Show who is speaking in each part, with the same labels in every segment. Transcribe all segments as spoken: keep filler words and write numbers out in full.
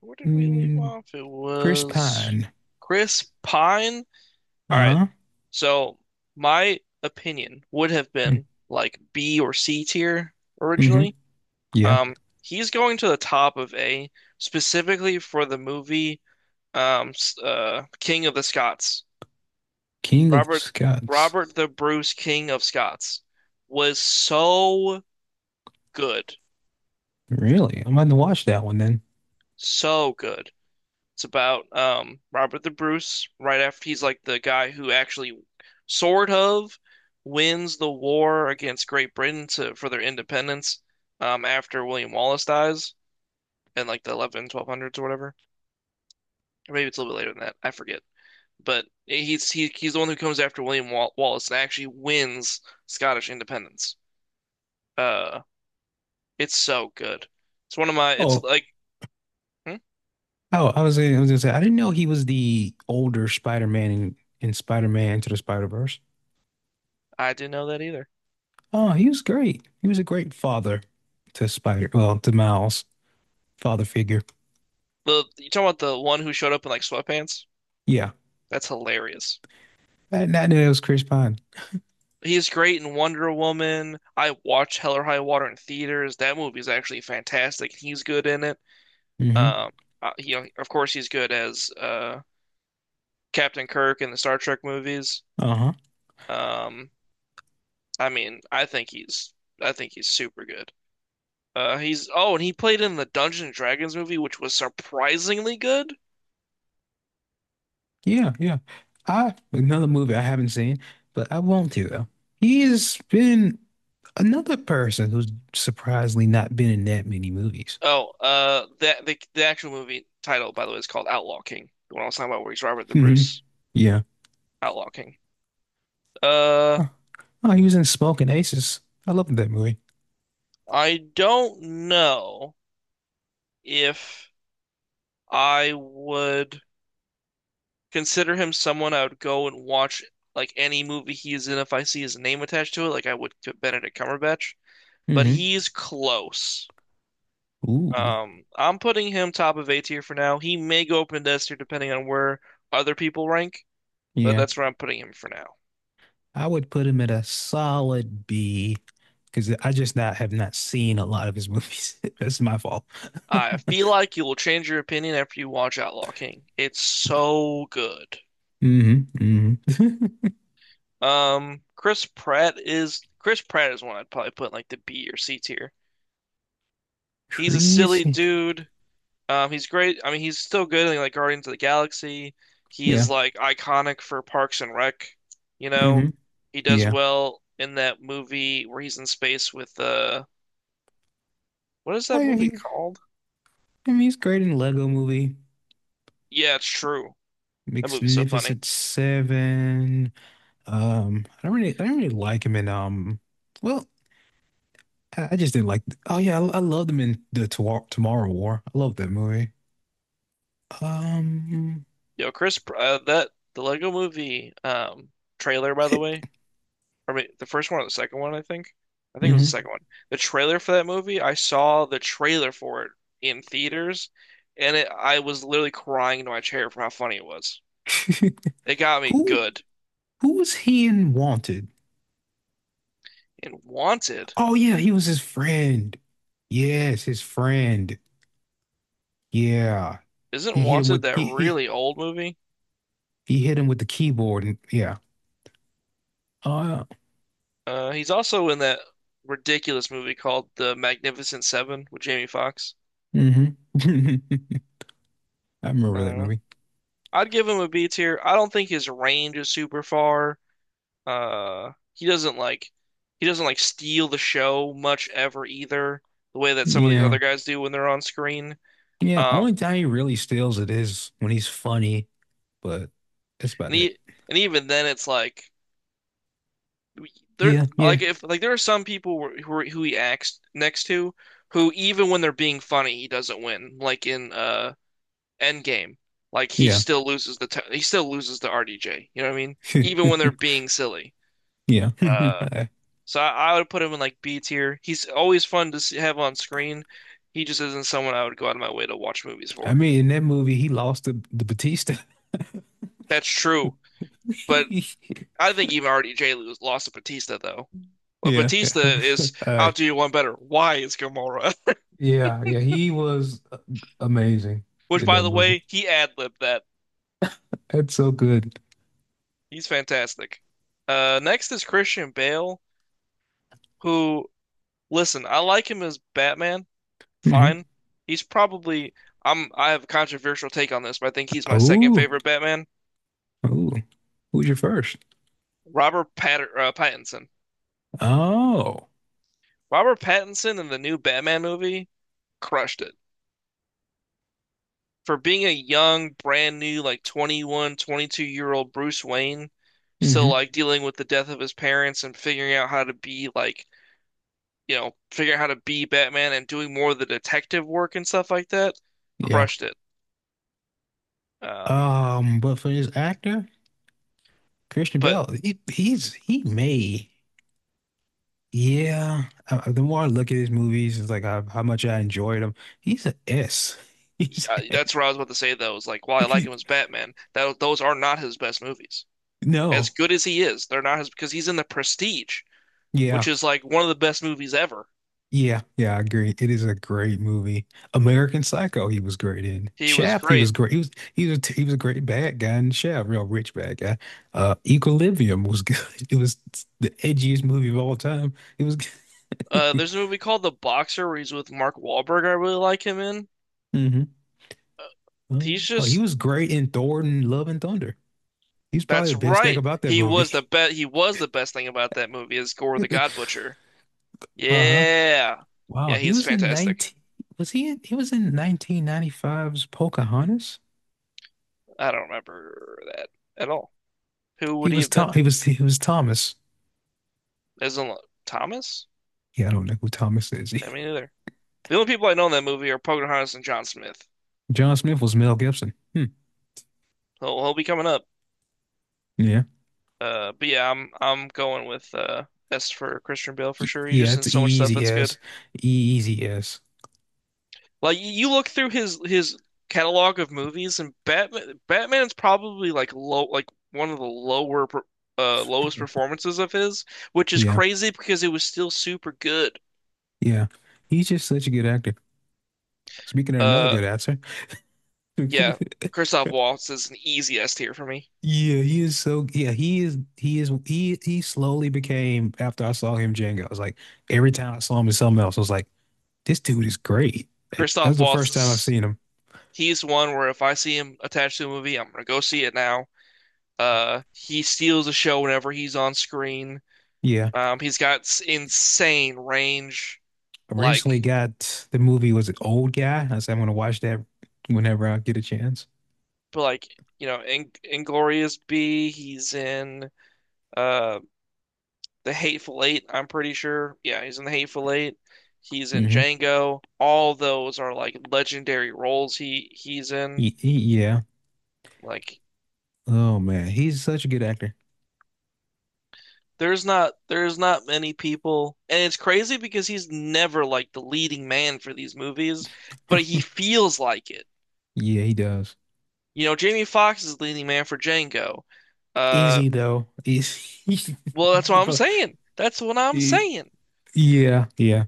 Speaker 1: Where did we leave
Speaker 2: Mm,
Speaker 1: off? It
Speaker 2: Chris
Speaker 1: was
Speaker 2: Pine.
Speaker 1: Chris Pine. All right.
Speaker 2: Uh-huh.
Speaker 1: So my opinion would have
Speaker 2: Mm,
Speaker 1: been like B or C tier
Speaker 2: Mm-hmm.
Speaker 1: originally.
Speaker 2: Yeah.
Speaker 1: Um, he's going to the top of A specifically for the movie um uh King of the Scots.
Speaker 2: King of the
Speaker 1: Robert
Speaker 2: Scots.
Speaker 1: Robert the Bruce King of Scots was so good.
Speaker 2: Really? I'm going to watch that one then.
Speaker 1: So good. It's about um Robert the Bruce right after he's like the guy who actually sort of wins the war against Great Britain to for their independence um after William Wallace dies in like the eleven twelve hundreds or whatever. Or maybe it's a little bit later than that. I forget. But he's he, he's the one who comes after William Wal Wallace and actually wins Scottish independence. Uh it's so good. It's one of my it's
Speaker 2: Oh,
Speaker 1: like hmm?
Speaker 2: oh, I was gonna, I was gonna say I didn't know he was the older Spider-Man in, in Spider-Man Into the Spider-Verse.
Speaker 1: I didn't know that either.
Speaker 2: Oh, he was great. He was a great father to Spider, well, to Miles, father figure.
Speaker 1: The You talking about the one who showed up in like sweatpants?
Speaker 2: Yeah.
Speaker 1: That's hilarious.
Speaker 2: I, I knew it was Chris Pine.
Speaker 1: He's great in Wonder Woman. I watched Hell or High Water in theaters. That movie is actually fantastic. He's good in it.
Speaker 2: Hmm.
Speaker 1: Um, uh, he, of course, he's good as uh, Captain Kirk in the Star Trek movies.
Speaker 2: Uh-huh.
Speaker 1: Um, I mean, I think he's, I think he's super good. Uh, he's Oh, and he played in the Dungeons and Dragons movie, which was surprisingly good.
Speaker 2: Yeah, yeah. I, another movie I haven't seen, but I want to though. He has been— another person who's surprisingly not been in that many movies.
Speaker 1: Oh, uh, that the the actual movie title, by the way, is called Outlaw King. The one I was talking about, where he's Robert the
Speaker 2: Hmm.
Speaker 1: Bruce,
Speaker 2: Yeah.
Speaker 1: Outlaw King. Uh,
Speaker 2: Oh, oh, he was in Smoking Aces. I love that movie.
Speaker 1: I don't know if I would consider him someone I would go and watch like any movie he is in if I see his name attached to it, like I would to Benedict Cumberbatch. But
Speaker 2: Hmm.
Speaker 1: he's close.
Speaker 2: Ooh.
Speaker 1: Um, I'm putting him top of A tier for now. He may go up in S tier depending on where other people rank, but
Speaker 2: Yeah.
Speaker 1: that's where I'm putting him for now.
Speaker 2: I would put him at a solid B because I just not have not seen a lot of his movies. That's my fault.
Speaker 1: I feel like you will change your opinion after you watch Outlaw King. It's so good.
Speaker 2: Hmm. Hmm.
Speaker 1: Um, Chris Pratt is Chris Pratt is one I'd probably put in like the B or C tier. He's a silly
Speaker 2: Crazy.
Speaker 1: dude. Um, he's great. I mean, he's still good in like Guardians of the Galaxy. He's
Speaker 2: Yeah.
Speaker 1: like iconic for Parks and Rec. You know,
Speaker 2: Hmm.
Speaker 1: he does
Speaker 2: Yeah.
Speaker 1: well in that movie where he's in space with uh, what is
Speaker 2: Oh,
Speaker 1: that
Speaker 2: yeah,
Speaker 1: movie
Speaker 2: he,
Speaker 1: called?
Speaker 2: I mean, he's great in Lego Movie,
Speaker 1: Yeah, it's true. That movie's so funny.
Speaker 2: Magnificent Seven. Um, I don't really, I don't really like him in um. Well, I I just didn't like. Oh yeah, I, I love them in the Tomorrow, Tomorrow War. I love that movie. Um,
Speaker 1: Yo, Chris, Pr- uh, that the Lego Movie um trailer by the
Speaker 2: what?
Speaker 1: way or wait, the first one or the second one, I think. I think it was the
Speaker 2: Hmm.
Speaker 1: second one. The trailer for that movie, I saw the trailer for it in theaters, and it, I was literally crying into my chair for how funny it was. It got me
Speaker 2: Who
Speaker 1: good.
Speaker 2: who was he in Wanted?
Speaker 1: And Wanted,
Speaker 2: Oh yeah, he was his friend. Yes, his friend. Yeah, he
Speaker 1: isn't
Speaker 2: hit him
Speaker 1: Wanted
Speaker 2: with
Speaker 1: that
Speaker 2: he he,
Speaker 1: really old movie?
Speaker 2: he hit him with the keyboard and yeah. Oh
Speaker 1: Uh, he's also in that ridiculous movie called The Magnificent Seven with Jamie Foxx.
Speaker 2: yeah. Hmm. I remember that
Speaker 1: Uh,
Speaker 2: movie.
Speaker 1: I'd give him a B tier. I don't think his range is super far. Uh, he doesn't like he doesn't like steal the show much ever either, the way that some of these
Speaker 2: Yeah,
Speaker 1: other guys do when they're on screen.
Speaker 2: yeah. Only
Speaker 1: Um,
Speaker 2: time he really steals it is when he's funny, but that's about
Speaker 1: and
Speaker 2: it.
Speaker 1: he, and even then, it's like there
Speaker 2: Yeah, yeah,
Speaker 1: like if like there are some people who who who he acts next to who even when they're being funny, he doesn't win. Like in uh Endgame, like he
Speaker 2: yeah.
Speaker 1: still loses the t he still loses to R D J. You know what I mean? Even when they're being silly.
Speaker 2: Yeah.
Speaker 1: Uh, So I, I would put him in like B tier. He's always fun to s- have on screen. He just isn't someone I would go out of my way to watch movies
Speaker 2: I
Speaker 1: for.
Speaker 2: mean, in that movie, he lost the, the Batista.
Speaker 1: That's true, but I think even R D J was lost to Batista though. But
Speaker 2: Yeah. Yeah.
Speaker 1: Batista
Speaker 2: All
Speaker 1: is I'll
Speaker 2: right.
Speaker 1: do you one better. Why is Gamora?
Speaker 2: Yeah. Yeah. He was uh, amazing
Speaker 1: Which
Speaker 2: in
Speaker 1: by
Speaker 2: that
Speaker 1: the
Speaker 2: movie.
Speaker 1: way, he ad-libbed that.
Speaker 2: That's so good.
Speaker 1: He's fantastic. Uh, next is Christian Bale, who listen, I like him as Batman.
Speaker 2: Hmm.
Speaker 1: Fine. He's probably I'm I have a controversial take on this, but I think he's my second
Speaker 2: Oh.
Speaker 1: favorite Batman.
Speaker 2: Oh. Who's your first?
Speaker 1: Robert Patter uh, Pattinson.
Speaker 2: Oh.
Speaker 1: Robert Pattinson in the new Batman movie crushed it. For being a young, brand new, like twenty-one, twenty-two year old Bruce Wayne, still
Speaker 2: Hmm.
Speaker 1: like dealing with the death of his parents and figuring out how to be like, you know, figuring out how to be Batman and doing more of the detective work and stuff like that,
Speaker 2: Yeah.
Speaker 1: crushed it. Um,
Speaker 2: Um, but for this actor, Christian
Speaker 1: but
Speaker 2: Bale, he, he's he may. Yeah. Uh, the more I look at his movies, it's like how, how much I enjoyed him. He's an S. He's
Speaker 1: uh, That's what I was about to say though, is like, while I like
Speaker 2: he,
Speaker 1: him as Batman, that those are not his best movies. As
Speaker 2: No.
Speaker 1: good as he is, they're not his because he's in the Prestige,
Speaker 2: Yeah.
Speaker 1: which is like one of the best movies ever.
Speaker 2: Yeah. Yeah. I agree. It is a great movie. American Psycho, he was great in.
Speaker 1: He was
Speaker 2: Shaft, he
Speaker 1: great.
Speaker 2: was great. He was he was he was a great bad guy in Shaft, real rich bad guy. Uh, Equilibrium was good. It was the edgiest movie of all time. It was
Speaker 1: Uh, there's a movie called The Boxer where he's with Mark Wahlberg. I really like him in.
Speaker 2: hmm.
Speaker 1: He's
Speaker 2: Oh, oh, he
Speaker 1: just
Speaker 2: was great in Thor and Love and Thunder. He's probably
Speaker 1: That's
Speaker 2: the best thing
Speaker 1: right.
Speaker 2: about that
Speaker 1: He
Speaker 2: movie.
Speaker 1: was the best. He was the best thing about that movie is Gore the God Butcher.
Speaker 2: Uh-huh.
Speaker 1: Yeah,
Speaker 2: Wow.
Speaker 1: yeah,
Speaker 2: He
Speaker 1: he's
Speaker 2: was in
Speaker 1: fantastic.
Speaker 2: nineteen was he in, he was in nineteen ninety five's Pocahontas?
Speaker 1: I don't remember that at all. Who
Speaker 2: He
Speaker 1: would he
Speaker 2: was
Speaker 1: have been?
Speaker 2: Tom he was he was Thomas.
Speaker 1: Isn't Thomas?
Speaker 2: Yeah, I don't know who Thomas is.
Speaker 1: I mean, either. The only people I know in that movie are Pocahontas and John Smith.
Speaker 2: John Smith was Mel Gibson. Hmm.
Speaker 1: He'll, he'll be coming up.
Speaker 2: Yeah.
Speaker 1: Uh, but yeah, I'm I'm going with uh S for Christian Bale for
Speaker 2: Y-
Speaker 1: sure. He's
Speaker 2: Yeah,
Speaker 1: just in
Speaker 2: it's
Speaker 1: so much stuff
Speaker 2: easy
Speaker 1: that's good.
Speaker 2: as. Easy as.
Speaker 1: Like y- you look through his his catalog of movies, and Batman Batman's probably like low like one of the lower per- uh lowest performances of his, which is
Speaker 2: Yeah.
Speaker 1: crazy because it was still super good.
Speaker 2: Yeah. He's just such a good actor. Speaking of another
Speaker 1: Uh,
Speaker 2: good actor.
Speaker 1: yeah, Christoph Waltz is an easy S tier for me.
Speaker 2: Yeah, he is, so yeah, he is he is he he slowly became, after I saw him Django, I was like every time I saw him in something else, I was like, this dude is great. Like, that was
Speaker 1: Christoph
Speaker 2: the
Speaker 1: Waltz
Speaker 2: first time I've
Speaker 1: is
Speaker 2: seen him.
Speaker 1: he's one where if I see him attached to a movie, I'm gonna go see it now. Uh, he steals the show whenever he's on screen.
Speaker 2: Yeah.
Speaker 1: Um, he's got insane range,
Speaker 2: I recently
Speaker 1: like
Speaker 2: got the movie— was an Old Guy? I said I'm gonna watch that whenever I get a chance.
Speaker 1: but like you know, in Inglorious B. He's in uh the Hateful Eight. I'm pretty sure. Yeah, he's in the Hateful Eight. He's in
Speaker 2: Hmm.
Speaker 1: Django. All those are like legendary roles he he's in.
Speaker 2: Y- y- yeah.
Speaker 1: Like
Speaker 2: Oh man, he's such a good actor.
Speaker 1: there's not there's not many people, and it's crazy because he's never like the leading man for these movies, but he feels like it.
Speaker 2: Yeah, he does.
Speaker 1: You know, Jamie Foxx is leading man for Django.
Speaker 2: Is
Speaker 1: Uh,
Speaker 2: he though? Is he?
Speaker 1: Well, that's what I'm
Speaker 2: but-
Speaker 1: saying. That's what I'm
Speaker 2: he-
Speaker 1: saying.
Speaker 2: Yeah, yeah,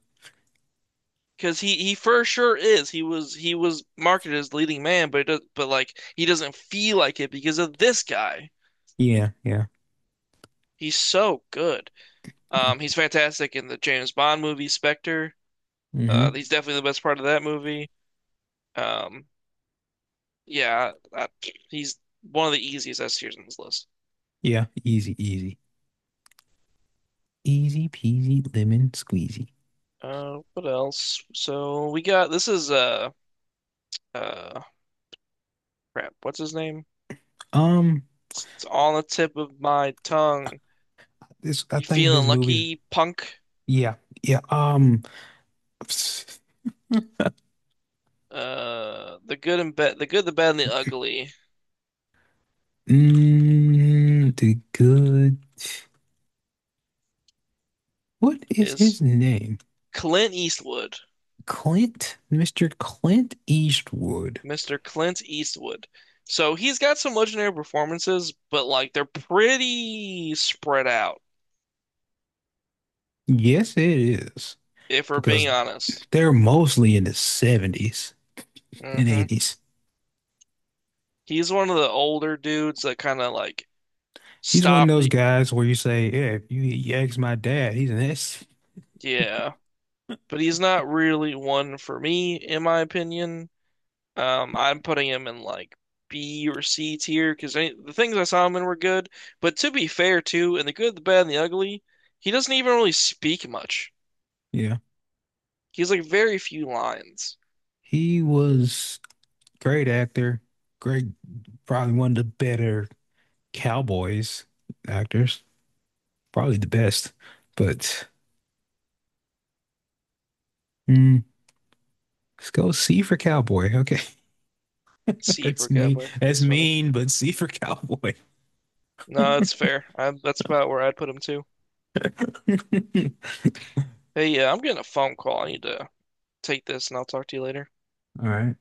Speaker 1: Because he he for sure is. He was he was marketed as leading man, but it does, but like he doesn't feel like it because of this guy.
Speaker 2: yeah, yeah.
Speaker 1: He's so good. Um, he's fantastic in the James Bond movie Spectre. Uh,
Speaker 2: Hmm.
Speaker 1: he's definitely the best part of that movie. Um, yeah, I, he's one of the easiest S tiers on this list.
Speaker 2: Yeah, easy, easy, easy peasy lemon squeezy.
Speaker 1: Uh, what else? So we got this is uh uh crap. What's his name?
Speaker 2: Um,
Speaker 1: It's, it's on the tip of my tongue.
Speaker 2: this I
Speaker 1: You
Speaker 2: think of his
Speaker 1: feeling
Speaker 2: movies.
Speaker 1: lucky, punk?
Speaker 2: Yeah, yeah. Um,
Speaker 1: Uh, the good and bad, The good, the bad, and the ugly
Speaker 2: mm, the good. What is
Speaker 1: is
Speaker 2: his name?
Speaker 1: Clint Eastwood,
Speaker 2: Clint, mister Clint Eastwood.
Speaker 1: mister Clint Eastwood. So he's got some legendary performances, but like they're pretty spread out,
Speaker 2: Yes, it is
Speaker 1: if we're
Speaker 2: because
Speaker 1: being honest.
Speaker 2: they're mostly in the seventies and
Speaker 1: Hmm.
Speaker 2: eighties.
Speaker 1: He's one of the older dudes that kind of like
Speaker 2: He's one of
Speaker 1: stop.
Speaker 2: those guys where you say, yeah, if you, you ask my dad, he's an S.
Speaker 1: Yeah, but he's not really one for me, in my opinion. Um, I'm putting him in like B or C tier because the things I saw him in were good. But to be fair, too, in the good, the bad, and the ugly, he doesn't even really speak much.
Speaker 2: Yeah.
Speaker 1: He's like very few lines.
Speaker 2: He was great actor, great, probably one of the better Cowboys actors, probably the best. But mm, let's go C for Cowboy. Okay.
Speaker 1: C for
Speaker 2: That's me.
Speaker 1: Cowboy.
Speaker 2: That's
Speaker 1: That's funny.
Speaker 2: mean, but C for Cowboy.
Speaker 1: No, that's fair. I, that's about where I'd put him too. Hey, yeah, I'm getting a phone call. I need to take this, and I'll talk to you later.
Speaker 2: All right.